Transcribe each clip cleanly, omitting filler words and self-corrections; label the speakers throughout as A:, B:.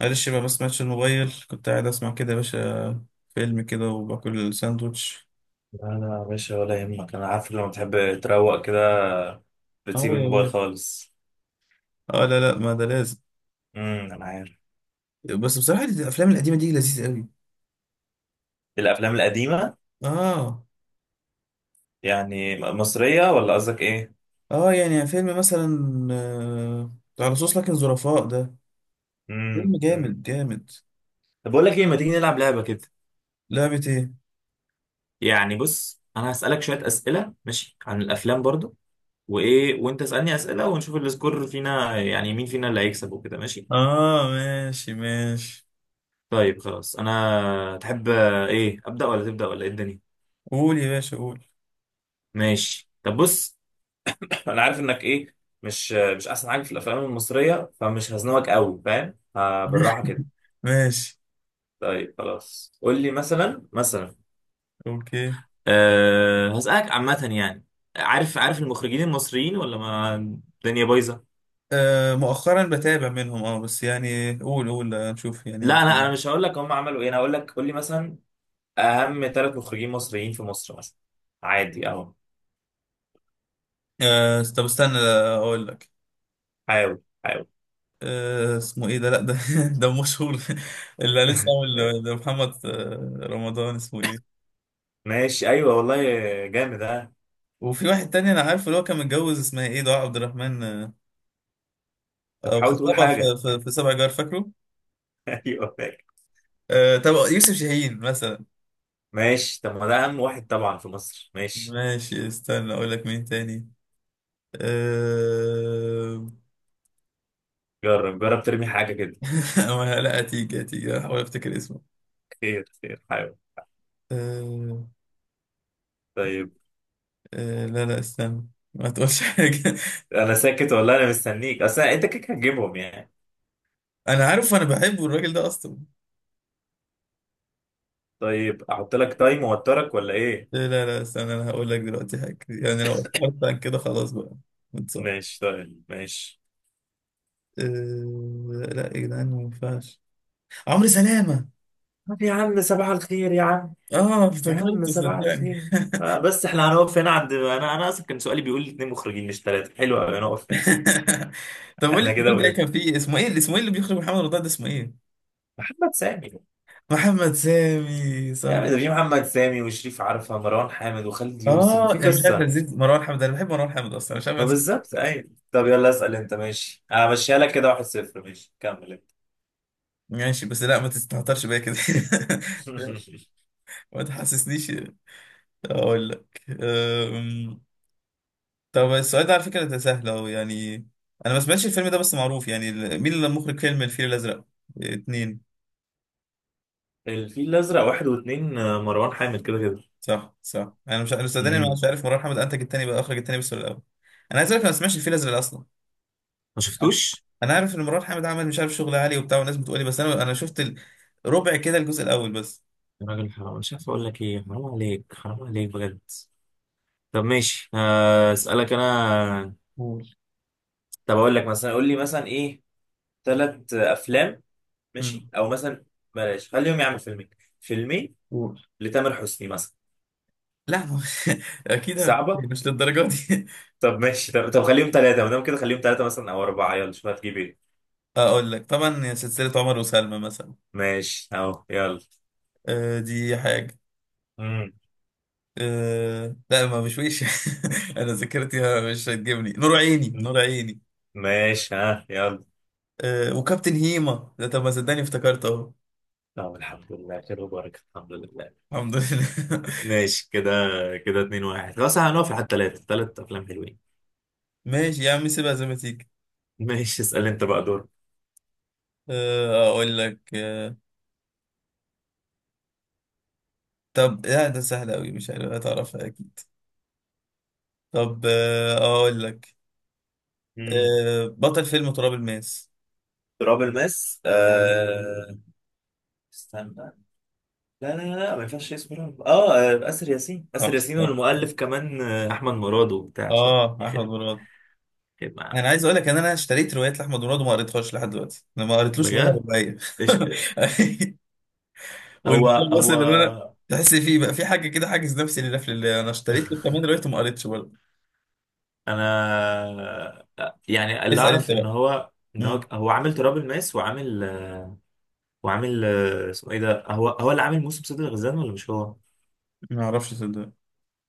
A: معلش بقى، بس ماتش الموبايل كنت قاعد اسمع كده يا باشا. فيلم كده وباكل ساندوتش.
B: لا لا يا باشا ولا يهمك، انا عارف لما تحب تروق كده
A: اه
B: بتسيب
A: يا
B: الموبايل
A: باشا.
B: خالص.
A: اه لا، ما ده لازم.
B: انا عارف.
A: بس بصراحة الافلام القديمة دي لذيذة قوي.
B: الافلام القديمه؟
A: اه.
B: يعني مصريه ولا قصدك ايه؟
A: اه، يعني فيلم مثلا، آه، على صوص لكن ظرفاء ده.
B: امم
A: فيلم
B: امم
A: جامد.
B: طب بقول لك ايه، ما تيجي نلعب لعبه كده؟
A: لعبة ايه؟
B: يعني بص، انا هسالك شويه اسئله، ماشي؟ عن الافلام برضو، وايه، وانت اسالني اسئله، ونشوف السكور فينا، يعني مين فينا اللي هيكسب وكده، ماشي؟
A: اه، ماشي.
B: طيب خلاص، انا تحب ايه، ابدا ولا تبدا ولا ايه الدنيا؟
A: قول يا باشا، قول.
B: ماشي طب بص، فانا عارف انك ايه، مش احسن حاجه في الافلام المصريه، فمش هزنقك قوي، فاهم؟ آه بالراحه كده.
A: ماشي.
B: طيب خلاص، قول لي مثلا، مثلا،
A: اوكي.
B: أه هسألك عامة يعني. عارف عارف المخرجين المصريين ولا ما الدنيا بايظة؟
A: آه، مؤخرا بتابع منهم، اه بس يعني قول، نشوف يعني.
B: لا انا مش هقول لك هم عملوا ايه، انا هقول لك قول لي مثلا اهم ثلاث مخرجين مصريين في مصر مثلا، عادي اهو.
A: آه، طب استنى، اقول لك.
B: حاول حاول.
A: اسمه ايه ده؟ لا، ده ده مشهور، اللي لسه عامل ده، محمد رمضان، اسمه ايه؟
B: ماشي ايوه والله، جامد اه.
A: وفي واحد تاني انا عارفه، اللي هو كان متجوز، اسمها ايه؟ دعاء عبد الرحمن،
B: طب
A: او
B: حاول تقول
A: خطيبها.
B: حاجة.
A: في, في, في سبع جار، فاكره؟
B: ايوه
A: آه، طب يوسف شاهين مثلا.
B: ماشي، طب ما ده اهم واحد طبعا في مصر، ماشي.
A: ماشي، استنى اقول لك مين تاني. آه...
B: جرب جرب، ترمي حاجة كده.
A: لا، هتيجي، هحاول افتكر اسمه.
B: خير خير، حاول.
A: آه...
B: طيب،
A: لا، استنى، ما تقولش حاجة.
B: أنا ساكت ولا أنا مستنيك؟ أصل أنت كده هتجيبهم يعني.
A: أنا عارف، أنا بحبه الراجل ده أصلا.
B: طيب أحط لك تايم وأوترك ولا إيه؟
A: لا، استنى، انا هقول لك دلوقتي حاجة. يعني لو اتفرجت عن كده خلاص بقى، متصور.
B: ماشي طيب ماشي.
A: أه... لا يا جدعان، ما ينفعش. عمرو سلامة.
B: طب يا عم صباح الخير يا عم.
A: اه،
B: يا عم
A: افتكرته
B: صباح
A: صدقني.
B: الخير. آه بس احنا هنقف هنا عند، أنا أصلا كان سؤالي بيقول لي اتنين مخرجين مش تلاتة، حلو أوي نقف هنا.
A: طب قول لي،
B: احنا كده
A: محمد ده
B: وقف.
A: كان فيه اسمه ايه، اللي اسمه ايه اللي بيخرج محمد رمضان ده، اسمه ايه؟
B: محمد سامي.
A: محمد سامي،
B: يا
A: صح.
B: عم ده في محمد سامي وشريف عرفة، مروان حامد، وخالد يوسف،
A: اه
B: وفي
A: انا مش عارف،
B: قصة.
A: نسيت مروان حامد، انا بحب مروان حامد اصلا، مش عارف
B: ما
A: أنسى.
B: بالظبط، ايوه. طب يلا اسال انت، ماشي، همشيها لك كده واحد صفر، ماشي كمل انت.
A: ماشي، بس لا ما تستهترش بيا كده. ما تحسسنيش. اقول لك. طب السؤال ده على فكرة ده سهل أهو يعني. أنا ما سمعتش الفيلم ده، بس معروف يعني. مين اللي مخرج فيلم الفيل الأزرق؟ اتنين.
B: الفيل الازرق واحد واثنين، مروان حامد كده كده.
A: صح صح، أنا مش، أنا صدقني أنا
B: مم.
A: مش عارف مرار حامد أنتج التاني بقى، أخرج التاني بس ولا الأول؟ أنا عايز أقول لك، أنا ما سمعتش الفيل الأزرق أصلا.
B: ما شفتوش.
A: أنا عارف إن مرار حامد عمل مش عارف شغل عالي وبتاع، والناس بتقولي، بس أنا، شفت ربع كده، الجزء الأول بس.
B: يا راجل حرام، مش عارف اقول لك ايه، حرام عليك، حرام عليك بجد. طب ماشي، اسالك انا.
A: قول.
B: طب اقول لك مثلا، قول لي مثلا ايه، ثلاث افلام، ماشي،
A: مم.
B: او مثلا، بلاش خليهم، يعمل فيلمين، فيلمين
A: قول.
B: لتامر حسني مثلا.
A: لا، ما أكيد هفتكر،
B: صعبه.
A: مش للدرجة دي.
B: طب ماشي، طب خليهم ثلاثه، ما دام كده خليهم ثلاثه مثلا او اربعه، يلا شوف هتجيب ايه.
A: أقول لك، طبعا سلسلة عمر وسلمى مثلا.
B: ماشي اهو، يلا.
A: آه، دي حاجة.
B: مم.
A: أه لا، ما بشويش. انا ذاكرتي مش هتجيبني. نور عيني،
B: مم.
A: نور عيني.
B: ماشي، ها، يلا.
A: أه، وكابتن هيما ده، طب ما صدقني افتكرت اهو.
B: طب الحمد لله خير وبركة، الحمد لله.
A: الحمد لله.
B: ماشي كده، كده اتنين واحد، خلاص هنقف لحد تلاتة، تلات أفلام حلوين.
A: ماشي يا عم، سيبها زي ما تيجي.
B: ماشي اسأل أنت بقى دور.
A: أه اقول لك، أه طب لا، ده سهل قوي، مش عارف هتعرفها اكيد. طب أه اقول لك،
B: مم.
A: أه بطل فيلم تراب الماس.
B: تراب الماس.
A: آه،
B: استنى، لا لا لا ما ينفعش اسمه تراب. اه، آسر ياسين، آسر
A: صح
B: ياسين.
A: صح،
B: والمؤلف كمان أحمد مراد وبتاع، شوف
A: اه احمد
B: يخرب،
A: مراد.
B: يخرب معاه.
A: انا عايز اقول لك ان انا اشتريت روايات لاحمد مراد، وما قريتهاش لحد دلوقتي. انا ما قريتلوش ولا
B: بجد،
A: روايه.
B: إيش. هو
A: والموضوع وصل
B: هو.
A: ان انا تحس فيه بقى، في حاجه كده حاجز نفسي، للقفل اللي انا اشتريت له كمان دلوقتي، وما قريتش برضه.
B: انا، يعني اللي
A: اسال انت
B: اعرف ان
A: بقى.
B: هو
A: امم.
B: هو عامل تراب الماس، وعامل، وعامل اسمه ايه ده، هو اللي عامل موسم صيد الغزلان ولا مش هو؟
A: ما اعرفش، صدق.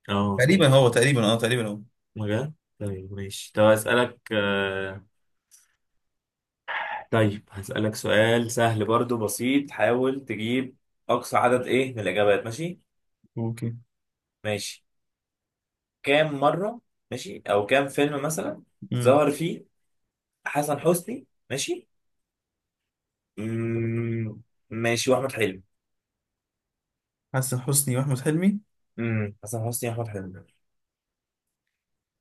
B: اه
A: تقريبا
B: طيب
A: هو،
B: خلاص.
A: تقريبا اه، تقريبا هو.
B: مجال. طيب ماشي، طب هسألك، طيب هسألك سؤال سهل برضو، بسيط، حاول تجيب. أقصى عدد إيه من الإجابات، ماشي؟
A: اوكي.
B: ماشي. كام مرة، ماشي، أو كام فيلم مثلا
A: امم.
B: ظهر فيه حسن حسني، ماشي، مم، ماشي، وأحمد حلمي.
A: حسن حسني واحمد حلمي.
B: حسن حسني، احمد حلمي.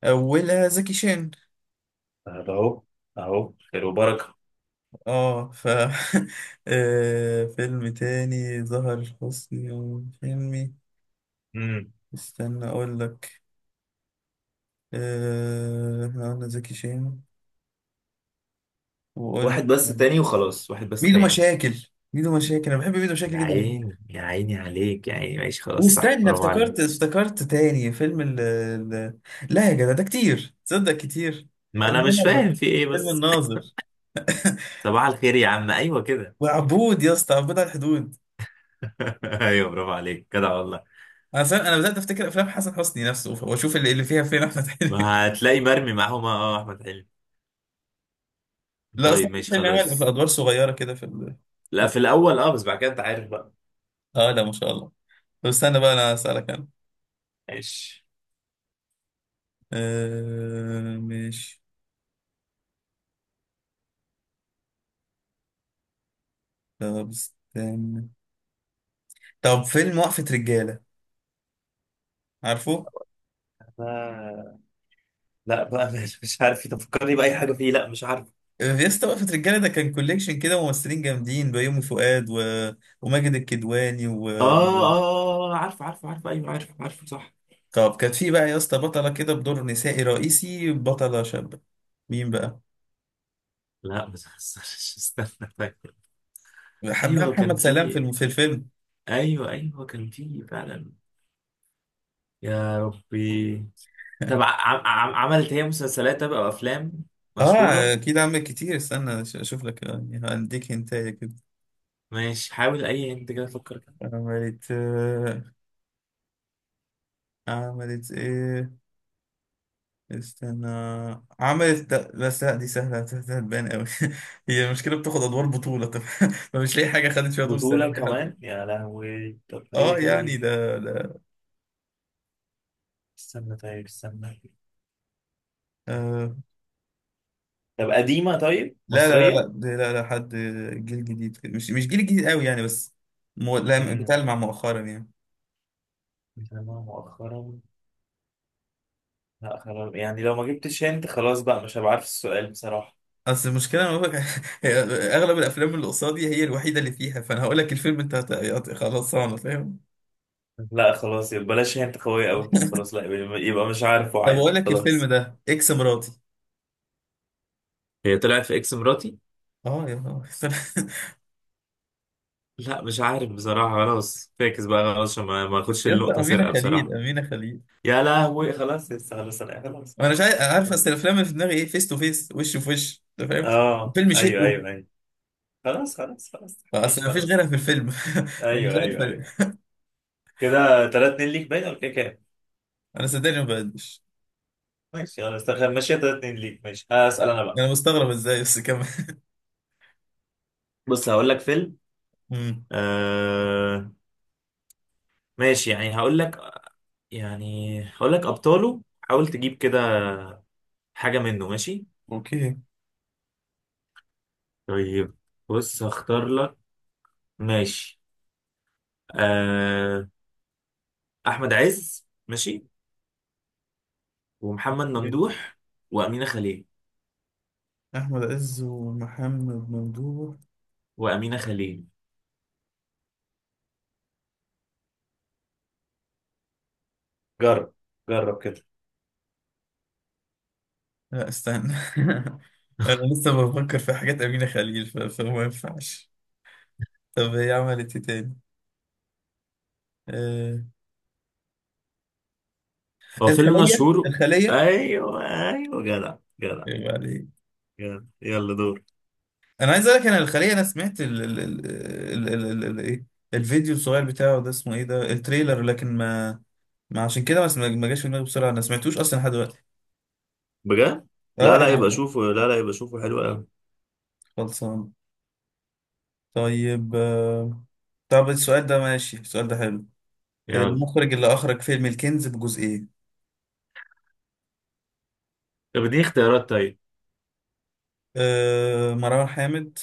A: اولها زكي شان.
B: طب اهو، اهو خير وبركه.
A: اه ف آه، فيلم تاني ظهر حسني واحمد حلمي.
B: امم
A: استنى اقول لك. آه، احنا قلنا زكي شان، وقلنا
B: واحد بس تاني وخلاص، واحد بس
A: ميدو
B: تاني.
A: مشاكل. ميدو مشاكل، انا بحب ميدو مشاكل
B: يا
A: جدا.
B: عيني يا عيني عليك يا عيني، ماشي خلاص، صح،
A: واستنى،
B: برافو عليك.
A: افتكرت تاني فيلم، لا يا جدع، ده كتير تصدق، كتير.
B: ما انا مش
A: الناظر،
B: فاهم في ايه
A: فيلم
B: بس.
A: الناظر.
B: صباح الخير يا عم، ايوه كده.
A: وعبود، يا اسطى عبود على الحدود.
B: ايوه برافو عليك كده والله.
A: انا صار انا بدات افتكر افلام حسن حسني نفسه واشوف اللي فيها فين احمد حلمي.
B: ما هتلاقي مرمي معاهم اه، احمد حلمي.
A: لا اصلا
B: طيب
A: احمد
B: ماشي
A: حلمي عمل في
B: خلاص.
A: ادوار صغيره كده في ال...
B: لا في الاول اه، بس بعد كده انت عارف بقى.
A: اه لا، ما شاء الله. طب استنى بقى، انا اسالك انا.
B: ماشي.
A: آه ماشي. طب استنى. طب فيلم وقفه رجاله، عارفه؟
B: أنا- لا بقى، مش عارف تفكرني بأي حاجة فيه، لا مش عارف.
A: يا اسطى، وقفة رجالة ده كان كوليكشن كده ممثلين جامدين، بيومي فؤاد و... وماجد الكدواني و...
B: اه اه، عارفه عارفه عارفه، ايوه عارفه عارفه، صح.
A: طب كانت في بقى يا اسطى بطلة كده، بدور نسائي رئيسي، بطلة شابة، مين بقى؟
B: لا ما تخسرش، استنى، فاكر.
A: حبها
B: ايوه كان
A: محمد سلام في
B: في،
A: في الفيلم.
B: ايوه ايوه كان في فعلا. يا ربي. طب عملت هي مسلسلات او افلام
A: اه
B: مشهوره؟
A: اكيد عمل كتير، استنى اشوف لك يعني، هنديك هنتايه كده.
B: ماشي، حاول، اي انت كده فكر كده.
A: عملت، عملت ايه؟ استنى. عملت، لا بس لا، دي سهله، هتبان قوي. هي المشكله بتاخد ادوار بطوله، طب. فمش لاقي حاجه خدت فيها دور سلام.
B: بطوله كمان، يا لهوي، طب ايه
A: اه يعني
B: طيب.
A: ده.
B: استنى، طيب استنى.
A: آه
B: طب قديمه، طيب
A: لا،
B: مصريه.
A: ده، لا لا، حد جيل جديد كده، مش مش جيل جديد قوي يعني، بس لا،
B: امم
A: بتلمع مؤخرا يعني.
B: متابعة مؤخرا. لا خلاص، يعني لو ما جبتش انت خلاص بقى مش هبقى عارف السؤال بصراحه.
A: اصل المشكله أنا بقولك. هي اغلب الافلام اللي قصادي، هي الوحيده اللي فيها، فانا هقول لك الفيلم انت خلاص، انا فاهم.
B: لا خلاص يبقى بلاش، هي انت قوية قوي كده، خلاص لا يبقى يبقى مش عارف،
A: طب اقول
B: وعادي
A: لك الفيلم
B: خلاص.
A: ده، اكس مراتي.
B: هي طلعت في اكس مراتي؟
A: اه يا نهار.
B: لا مش عارف بصراحة، خلاص فاكس بقى، خلاص، عشان ما اخدش
A: يا اسطى،
B: النقطة سرقة
A: امينه خليل
B: بصراحة.
A: امينه خليل
B: يا لهوي، خلاص يس، خلاص انا خلاص
A: انا مش عارف،
B: خلاص
A: أنا عارف اصل
B: خلاص.
A: الافلام اللي في دماغي ايه، فيس تو فيس، وش في وش، انت فاهم.
B: اه
A: الفيلم
B: ايوه
A: شقه،
B: ايوه ايوه. خلاص خلاص خلاص.
A: فاصل
B: ماشي
A: ما فيش غيرها
B: خلاص.
A: في الفيلم. فمش
B: ايوه
A: عارف.
B: ايوه ايوه. كده 3 2 ليك، باين ولا كده كام؟
A: انا صدقني ما بقدش.
B: ماشي خلاص ماشي، 3 2 ليك، ماشي هسأل انا بقى.
A: انا مستغرب ازاي بس كمان.
B: بص هقول لك فيلم.
A: امم.
B: آه ماشي، يعني هقول لك، يعني هقول لك ابطاله، حاول تجيب كده حاجه منه، ماشي؟
A: اوكي.
B: طيب بص هختار لك، ماشي، آه، احمد عز، ماشي، ومحمد ممدوح، وامينه خليل.
A: احمد عز ومحمد ممدوح.
B: وامينه خليل. جرب جرب كده.
A: لا استنى. انا لسه بفكر في حاجات امينه خليل، فما ينفعش. طب هي عملت ايه تاني؟ آه،
B: هو فيلم
A: الخليه
B: مشهور.
A: الخليه
B: ايوه ايوه، جدع جدع.
A: ايه عليك.
B: جدع، يلا دور.
A: انا عايز اقول لك، انا الخليه انا سمعت ال ايه، الفيديو الصغير بتاعه ده، اسمه ايه ده، التريلر، لكن ما عشان كده ما جاش في دماغي بسرعه. انا سمعتوش اصلا لحد دلوقتي.
B: بجد؟
A: اه
B: لا، لا يبقى
A: انا.
B: شوفه، لا لا يبقى شوفه حلو قوي.
A: خلصان. طيب آه، طب السؤال ده ماشي، السؤال ده حلو.
B: يلا.
A: المخرج اللي أخرج فيلم الكنز بجزئين؟
B: طب اديني اختيارات طيب.
A: آه، مروان حامد،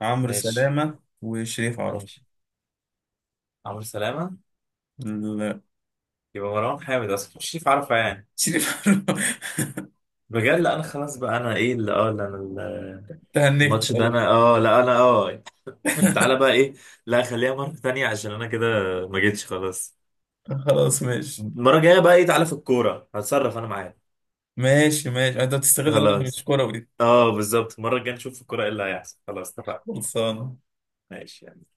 A: عمرو
B: ماشي
A: سلامة، وشريف عرفة.
B: ماشي. عمرو سلامة.
A: لا.
B: يبقى مروان حامد اصلا، مش عارفه يعني.
A: شريف عرفة.
B: بجد؟ لا انا خلاص بقى، انا ايه اللي اه لا انا
A: تهنيت
B: الماتش ده،
A: خلاص.
B: انا اه لا انا اه. تعالى بقى ايه، لا خليها مرة تانية، عشان انا كده ما جيتش خلاص.
A: خلاص ماشي.
B: المرة الجاية بقى ايه، تعالى في الكورة، هتصرف انا معاك.
A: ماشي ماشي، انت بتستغل إن انا مش
B: خلاص،
A: كروي.
B: اه بالظبط، المرة الجاية نشوف في الكورة ايه اللي هيحصل، خلاص اتفقنا.
A: خلصانة.
B: ماشي.